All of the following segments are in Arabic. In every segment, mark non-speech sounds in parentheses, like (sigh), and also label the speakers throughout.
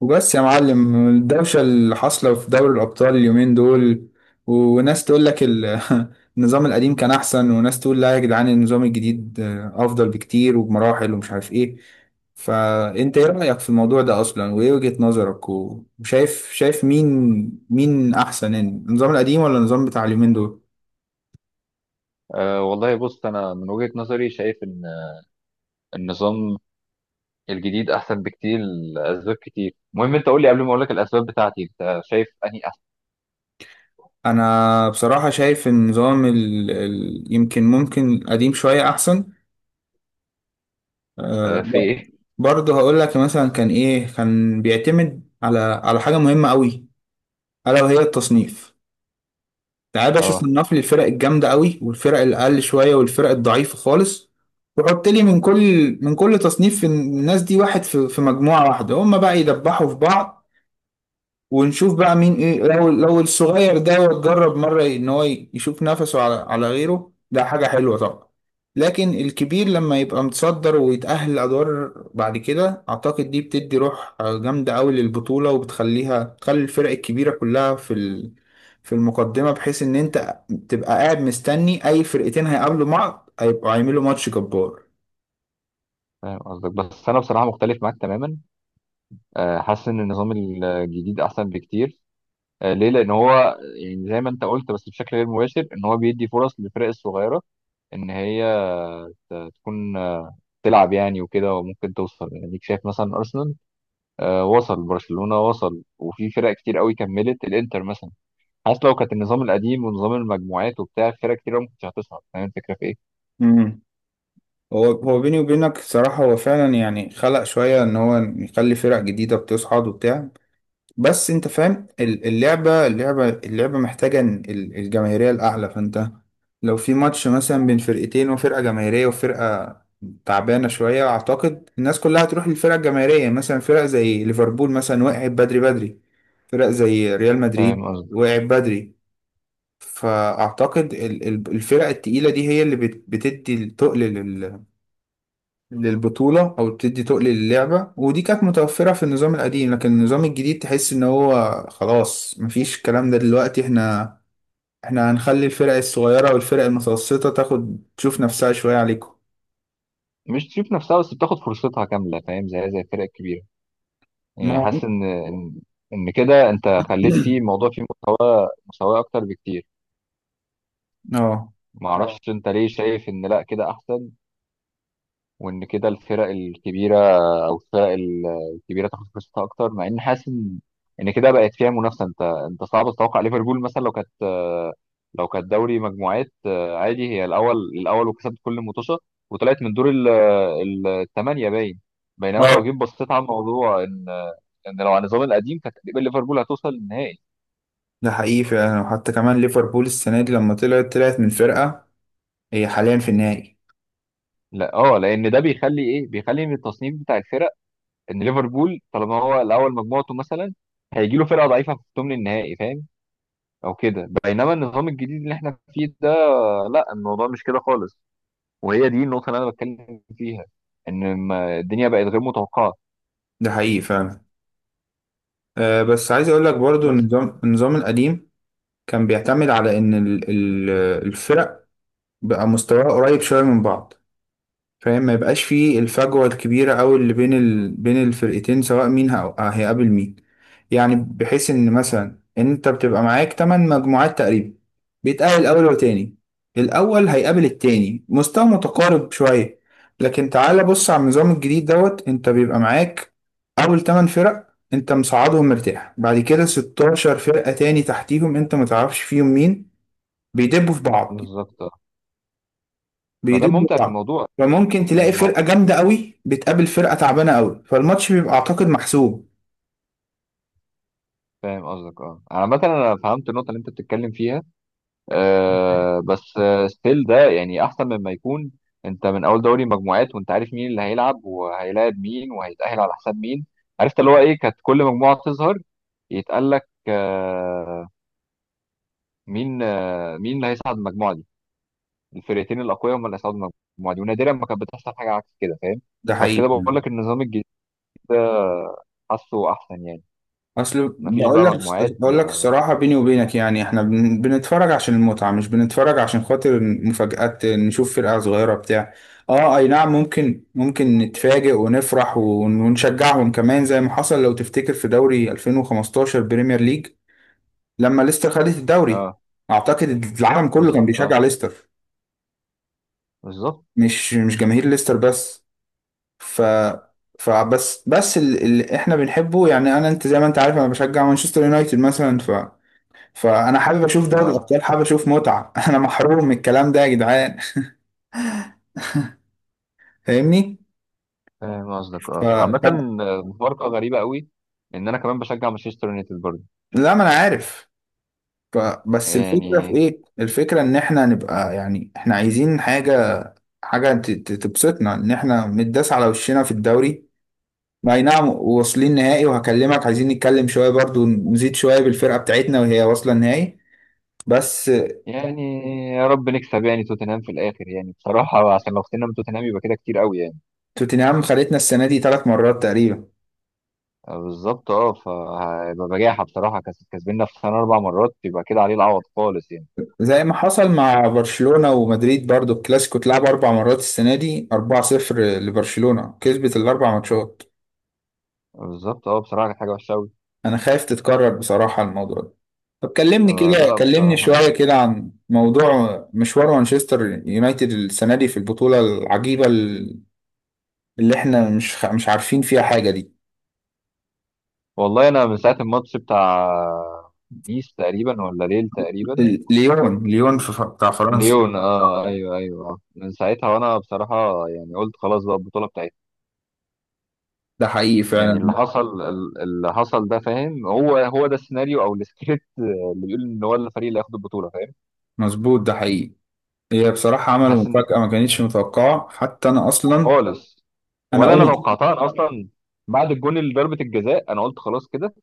Speaker 1: وبس يا معلم، الدوشة اللي حاصلة في دوري الأبطال اليومين دول، وناس تقول لك (laughs) النظام القديم كان أحسن، وناس تقول لا يا جدعان النظام الجديد أفضل بكتير وبمراحل، ومش عارف إيه. فأنت إيه رأيك في الموضوع ده أصلا، وإيه وجهة نظرك، وشايف مين أحسن يعني، النظام القديم ولا النظام بتاع اليومين دول؟
Speaker 2: أه والله بص، أنا من وجهة نظري شايف إن النظام الجديد أحسن بكتير لأسباب كتير. المهم أنت قول لي قبل ما أقول لك الأسباب بتاعتي، أنت شايف أنهي أحسن؟
Speaker 1: أنا بصراحة شايف النظام ممكن القديم شوية أحسن. آه،
Speaker 2: أه في إيه؟
Speaker 1: برضه هقول لك، مثلا كان بيعتمد على حاجه مهمه قوي، الا وهي التصنيف. تعال يا باشا،
Speaker 2: أه
Speaker 1: صنف لي الفرق الجامده قوي، والفرق الاقل شويه، والفرق الضعيفه خالص. وحط لي من كل تصنيف، الناس دي واحد في مجموعه واحده، هم بقى يدبحوا في بعض. ونشوف بقى مين ايه. لو الصغير ده جرب مرة ان هو يشوف نفسه على غيره، ده حاجة حلوة طبعا. لكن الكبير لما يبقى متصدر ويتأهل أدوار بعد كده، أعتقد دي بتدي روح جامدة أوي للبطولة، وبتخليها تخلي الفرق الكبيرة كلها في المقدمة، بحيث إن أنت تبقى قاعد مستني أي فرقتين هيقابلوا بعض هيبقوا هيعملوا ماتش جبار.
Speaker 2: فاهم قصدك، بس أنا بصراحة مختلف معاك تماما. أه حاسس إن النظام الجديد أحسن بكتير. أه ليه؟ لأن هو يعني زي ما أنت قلت بس بشكل غير مباشر، إن هو بيدي فرص للفرق الصغيرة إن هي تكون تلعب يعني وكده، وممكن توصل. يعني شايف مثلا أرسنال وصل، برشلونة وصل، وفي فرق كتير قوي كملت، الانتر مثلا. حاسس لو كانت النظام القديم ونظام المجموعات وبتاع، في فرق كتير قوي ما كانتش هتصعد. فاهم الفكرة في ايه؟
Speaker 1: امم هو بيني وبينك صراحة، هو فعلا يعني خلق شوية إن هو يخلي فرق جديدة بتصعد وبتاع. بس انت فاهم، اللعبة محتاجة الجماهيرية الأعلى، فانت لو في ماتش مثلا بين فرقتين، وفرقة جماهيرية وفرقة تعبانة شوية، أعتقد الناس كلها هتروح للفرقة الجماهيرية. مثلا فرق زي ليفربول مثلا وقعت بدري بدري، فرق زي ريال مدريد
Speaker 2: فاهم قصدي.
Speaker 1: وقعت بدري. فأعتقد الفرق التقيلة دي هي اللي بتدي التقل للبطولة، أو بتدي تقل للعبة، ودي كانت متوفرة في النظام القديم. لكن النظام الجديد تحس إن هو خلاص مفيش الكلام ده دلوقتي، إحنا هنخلي الفرق الصغيرة والفرق المتوسطة تاخد تشوف نفسها شوية عليكم.
Speaker 2: مش تشوف نفسها بس، بتاخد فرصتها كاملة فاهم، زي زي الفرق الكبيرة.
Speaker 1: ما
Speaker 2: يعني
Speaker 1: هو.
Speaker 2: حاسس ان إن كده انت خليت
Speaker 1: (clears throat)
Speaker 2: فيه الموضوع فيه مستوى مساواة اكتر بكتير.
Speaker 1: آه.
Speaker 2: ما اه اعرفش انت ليه شايف ان لا كده احسن، وان كده الفرق الكبيره او الفرق الكبيره تاخد فرصتها اكتر، مع ان حاسس ان ان كده بقت فيها منافسه. انت صعب تتوقع ليفربول مثلا لو كانت، لو كانت دوري مجموعات عادي هي الاول، الاول وكسبت كل المطوشه وطلعت من دور الثمانيه باين. بينما لو
Speaker 1: اه.
Speaker 2: جيت بصيت على الموضوع ان ان لو على النظام القديم كانت تقريبا ليفربول هتوصل للنهائي.
Speaker 1: ده حقيقي فعلا. وحتى كمان ليفربول السنة دي لما طلعت من فرقة، هي حاليا في النهائي.
Speaker 2: لا اه، لان ده بيخلي ايه، بيخلي من التصنيف بتاع الفرق، ان ليفربول طالما هو الاول مجموعته مثلا هيجي له فرقه ضعيفه في ثمن النهائي، فاهم او كده. بينما النظام الجديد اللي احنا فيه ده، لا الموضوع مش كده خالص، وهي دي النقطه اللي انا بتكلم فيها. ان الدنيا بقت غير متوقعه.
Speaker 1: ده حقيقي فعلا. أه، بس عايز أقول لك برضو إن
Speaker 2: بس
Speaker 1: النظام القديم كان بيعتمد على إن الفرق بقى مستواها قريب شوية من بعض. فاهم؟ ما يبقاش فيه الفجوة الكبيرة أوي اللي بين الفرقتين، سواء مين هيقابل مين. يعني بحيث إن مثلا أنت بتبقى معاك تمن مجموعات تقريبا، بيتقابل أول وتاني. الأول هيقابل التاني، مستوى متقارب شوية. لكن تعالى بص على النظام الجديد دوت، أنت بيبقى معاك أول تمن فرق أنت مصعدهم مرتاح، بعد كده 16 فرقة تاني تحتيهم أنت متعرفش فيهم مين، بيدبوا في بعض،
Speaker 2: بالظبط اه. ما ده
Speaker 1: بيضدوا
Speaker 2: ممتع في
Speaker 1: بعض.
Speaker 2: الموضوع،
Speaker 1: فممكن
Speaker 2: ان
Speaker 1: تلاقي
Speaker 2: الموضوع،
Speaker 1: فرقة جامدة قوي بتقابل فرقة تعبانة قوي، فالماتش بيبقى أعتقد محسوب.
Speaker 2: فاهم قصدك اه. عامة انا فهمت النقطة اللي انت بتتكلم فيها، آه، بس ستيل ده يعني احسن مما يكون انت من اول دوري مجموعات وانت عارف مين اللي هيلعب وهيلاعب مين وهيتأهل على حساب مين. عرفت اللي هو ايه، كانت كل مجموعة تظهر يتقال لك مين، مين اللي هيصعد المجموعه دي. الفرقتين الاقوياء هم اللي هيصعدوا المجموعه دي، ونادرا ما كانت بتحصل حاجه عكس كده، فاهم.
Speaker 1: ده
Speaker 2: فعشان كده
Speaker 1: حقيقي.
Speaker 2: بقول لك النظام الجديد ده حاسه احسن يعني.
Speaker 1: أصل
Speaker 2: مفيش
Speaker 1: بقول
Speaker 2: بقى
Speaker 1: لك
Speaker 2: مجموعات.
Speaker 1: بقول لك
Speaker 2: ما
Speaker 1: الصراحة بيني وبينك، يعني إحنا بنتفرج عشان المتعة، مش بنتفرج عشان خاطر مفاجآت نشوف فرقة صغيرة بتاع. آه، أي نعم. ممكن نتفاجئ ونفرح ونشجعهم كمان، زي ما حصل لو تفتكر في دوري 2015 بريمير ليج لما ليستر خدت الدوري.
Speaker 2: اه.
Speaker 1: أعتقد العالم كله كان
Speaker 2: بالظبط
Speaker 1: بيشجع
Speaker 2: اه.
Speaker 1: ليستر،
Speaker 2: بالظبط
Speaker 1: مش جماهير ليستر بس. فبس اللي احنا بنحبه، يعني انا، انت زي ما انت عارف انا بشجع مانشستر يونايتد مثلا. فانا حابب اشوف دوري
Speaker 2: اه.
Speaker 1: الابطال، حابب اشوف متعه. (laughs) انا محروم من الكلام ده يا جدعان. فاهمني؟
Speaker 2: فاهم قصدك
Speaker 1: ف...
Speaker 2: اه. عامه
Speaker 1: ف...
Speaker 2: مفارقه غريبه قوي ان انا كمان بشجع مانشستر يونايتد برضه
Speaker 1: لا، ما انا عارف. ف... بس الفكره في
Speaker 2: يعني.
Speaker 1: ايه، الفكره ان احنا نبقى، يعني احنا عايزين حاجه، تبسطنا، ان احنا متداس على وشنا في الدوري. اي نعم، واصلين نهائي وهكلمك، عايزين نتكلم شويه برضو نزيد شويه بالفرقه بتاعتنا وهي واصله النهائي، بس.
Speaker 2: يعني يا رب نكسب يعني توتنهام في الاخر، يعني بصراحه عشان لو خسرنا من توتنهام يبقى كده كتير قوي يعني.
Speaker 1: توتنهام خدتنا السنة دي 3 مرات تقريبا.
Speaker 2: بالظبط اه. فهيبقى بجاحه بصراحه، كسبنا في سنه اربع مرات يبقى كده عليه العوض خالص يعني.
Speaker 1: زي ما حصل مع برشلونة ومدريد برضو، الكلاسيكو اتلعب 4 مرات السنة دي، 4-0 لبرشلونة، كسبت الأربع ماتشات.
Speaker 2: بالظبط اه. بصراحه كانت حاجه وحشه قوي.
Speaker 1: أنا خايف تتكرر بصراحة الموضوع ده. طب كلمني
Speaker 2: آه
Speaker 1: كده،
Speaker 2: لا
Speaker 1: كلمني شوية
Speaker 2: بصراحه.
Speaker 1: كده عن موضوع مشوار مانشستر يونايتد السنة دي في البطولة العجيبة اللي احنا مش عارفين فيها حاجة دي.
Speaker 2: والله انا من ساعه الماتش بتاع نيس تقريبا ولا ليل تقريبا.
Speaker 1: ليون، ليون في بتاع فرنسا.
Speaker 2: ليون اه، ايوه ايوه. آه. من ساعتها وانا بصراحه يعني قلت خلاص بقى البطوله بتاعتنا.
Speaker 1: ده حقيقي
Speaker 2: يعني اللي
Speaker 1: فعلا.
Speaker 2: حصل اللي حصل ده، فاهم، هو ده السيناريو او السكريبت اللي بيقول ان هو الفريق اللي هياخد البطوله، فاهم.
Speaker 1: مظبوط ده حقيقي. هي بصراحة عملوا
Speaker 2: حاسس
Speaker 1: مفاجأة
Speaker 2: ان
Speaker 1: ما كانتش متوقعة حتى أنا أصلا.
Speaker 2: خالص.
Speaker 1: أنا
Speaker 2: ولا انا
Speaker 1: قمت.
Speaker 2: توقعتها انا اصلا. بعد الجون اللي ضربة الجزاء انا قلت خلاص كده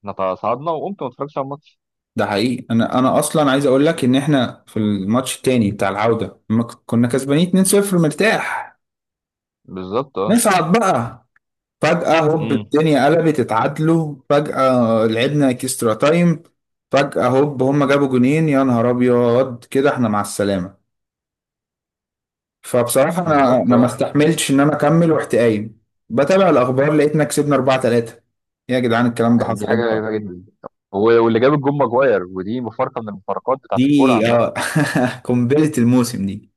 Speaker 2: احنا تصعدنا، وقمت ما اتفرجتش على الماتش.
Speaker 1: ده حقيقي. أنا أصلا عايز أقول لك إن إحنا في الماتش التاني بتاع العودة لما كنا كسبانين 2-0 مرتاح
Speaker 2: بالظبط اه.
Speaker 1: نصعد بقى. فجأة هوب،
Speaker 2: امم
Speaker 1: الدنيا قلبت، اتعادلوا، فجأة لعبنا اكسترا تايم. فجأة هوب، هما جابوا جونين، يا نهار أبيض كده إحنا مع السلامة. فبصراحة أنا
Speaker 2: بالظبط
Speaker 1: أنا ما
Speaker 2: اه.
Speaker 1: استحملتش إن أنا أكمل ورحت قايم بتابع الأخبار، لقيتنا كسبنا 4-3. إيه يا جدعان، الكلام ده
Speaker 2: يعني دي
Speaker 1: حصل
Speaker 2: حاجه
Speaker 1: إمتى؟
Speaker 2: غريبه جدا. واللي جاب الجون ماجواير، ودي مفارقه من المفارقات بتاعت الكوره
Speaker 1: دي،
Speaker 2: عامه.
Speaker 1: (laughs) قنبلة الموسم دي.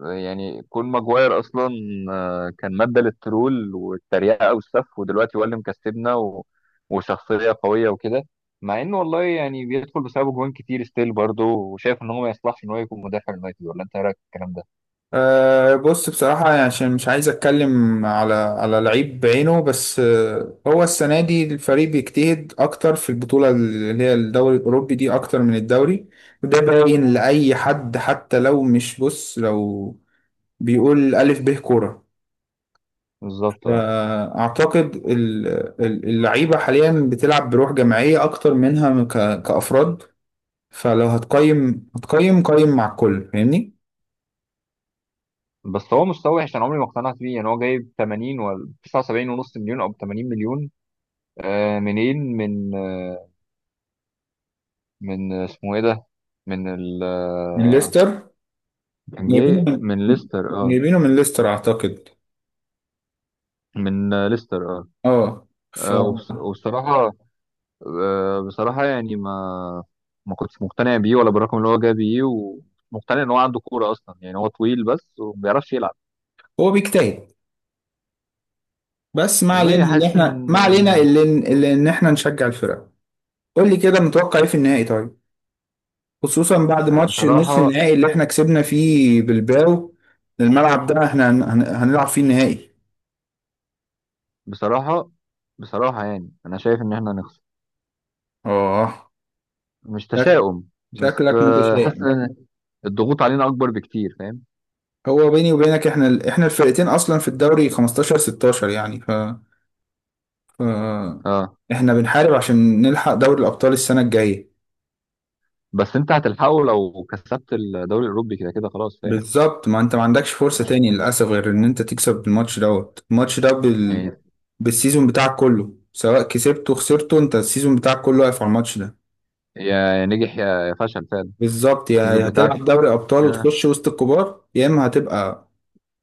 Speaker 2: يعني كون ماجواير اصلا كان ماده للترول والتريقه والسف، ودلوقتي هو اللي مكسبنا، و وشخصيه قويه وكده، مع انه والله يعني بيدخل بسببه جوان كتير ستيل برضه، وشايف ان هو ما يصلحش ان هو يكون مدافع اليونايتد. ولا انت إيه رايك الكلام ده؟
Speaker 1: أه، بص بصراحة يعني، عشان مش عايز أتكلم على لعيب بعينه، بس أه، هو السنة دي الفريق بيجتهد أكتر في البطولة اللي هي الدوري الأوروبي دي أكتر من الدوري. وده باين لأي حد، حتى لو مش، بص، لو بيقول ألف به كورة.
Speaker 2: بالظبط اه.
Speaker 1: فأعتقد اللعيبة حاليا بتلعب بروح جماعية أكتر منها كأفراد. فلو هتقيم قيم مع الكل، فاهمني؟
Speaker 2: بس هو مستوى وحش انا عمري ما اقتنعت بيه، يعني هو جايب 80 ولا 79 ونص مليون او 80 مليون. منين، من من اسمه ايه ده، من ال
Speaker 1: من ليستر.
Speaker 2: كان
Speaker 1: جايبينه
Speaker 2: جاي من
Speaker 1: من
Speaker 2: ليستر اه.
Speaker 1: جايبينه من ليستر اعتقد.
Speaker 2: من ليستر اه.
Speaker 1: اه. ف
Speaker 2: وبصراحة، آه بصراحة يعني ما ما كنتش مقتنع بيه ولا بالرقم اللي هو جاب بيه، ومقتنع ان هو عنده كورة اصلا. يعني هو طويل بس وما بيعرفش يلعب.
Speaker 1: هو بيجتهد. بس
Speaker 2: والله حاسس ان
Speaker 1: ما علينا اللي اللي ان احنا نشجع الفرق. قول لي كده، متوقع ايه في النهائي طيب، خصوصا بعد ماتش النص
Speaker 2: بصراحة،
Speaker 1: النهائي اللي احنا كسبنا فيه بالباو. الملعب ده احنا هنلعب فيه النهائي.
Speaker 2: بصراحة، بصراحة يعني أنا شايف إن إحنا هنخسر.
Speaker 1: اه.
Speaker 2: مش
Speaker 1: شك-
Speaker 2: تشاؤم بس
Speaker 1: شكلك
Speaker 2: حاسس
Speaker 1: متشائم.
Speaker 2: إن الضغوط علينا أكبر بكتير، فاهم.
Speaker 1: هو بيني وبينك، احنا الفرقتين اصلا في الدوري 15 16 يعني. ف آه.
Speaker 2: أه
Speaker 1: احنا بنحارب عشان نلحق دوري الابطال السنه الجايه.
Speaker 2: بس أنت هتلحقه لو كسبت الدوري الأوروبي كده كده، خلاص فاهم.
Speaker 1: بالظبط، ما انت ما عندكش فرصه
Speaker 2: مش
Speaker 1: تاني للاسف، غير ان انت تكسب الماتش دوت. الماتش ده
Speaker 2: يعني،
Speaker 1: بالسيزون بتاعك كله، سواء كسبته وخسرته انت السيزون بتاعك كله واقف على الماتش ده.
Speaker 2: يا يا نجح يا يا فشل فعلا.
Speaker 1: بالظبط،
Speaker 2: السيزون
Speaker 1: يا
Speaker 2: بتاعك
Speaker 1: هتلعب دوري ابطال
Speaker 2: أه.
Speaker 1: وتخش وسط الكبار، يا اما هتبقى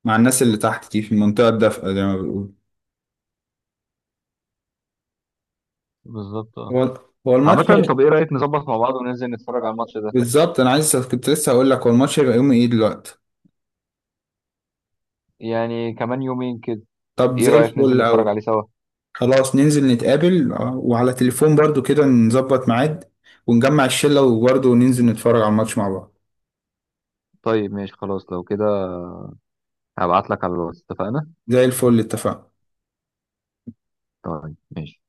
Speaker 1: مع الناس اللي تحت دي في المنطقه الدافئه زي ما بيقولوا.
Speaker 2: بالظبط أه.
Speaker 1: هو هو الماتش.
Speaker 2: عامة طب إيه رأيك نظبط مع بعض وننزل نتفرج على الماتش ده؟
Speaker 1: بالظبط، انا عايز كنت لسه هقول لك، هو الماتش هيبقى يوم ايه دلوقتي؟
Speaker 2: يعني كمان يومين كده.
Speaker 1: طب
Speaker 2: إيه
Speaker 1: زي
Speaker 2: رأيك ننزل
Speaker 1: الفل
Speaker 2: نتفرج
Speaker 1: قوي.
Speaker 2: عليه سوا؟
Speaker 1: خلاص ننزل نتقابل، آه، وعلى تليفون برضو كده نظبط ميعاد، ونجمع الشلة وبرضو ننزل نتفرج على الماتش مع بعض.
Speaker 2: طيب ماشي خلاص لو كده هبعت لك على الواتس، اتفقنا.
Speaker 1: زي الفل، اتفقنا.
Speaker 2: طيب ماشي.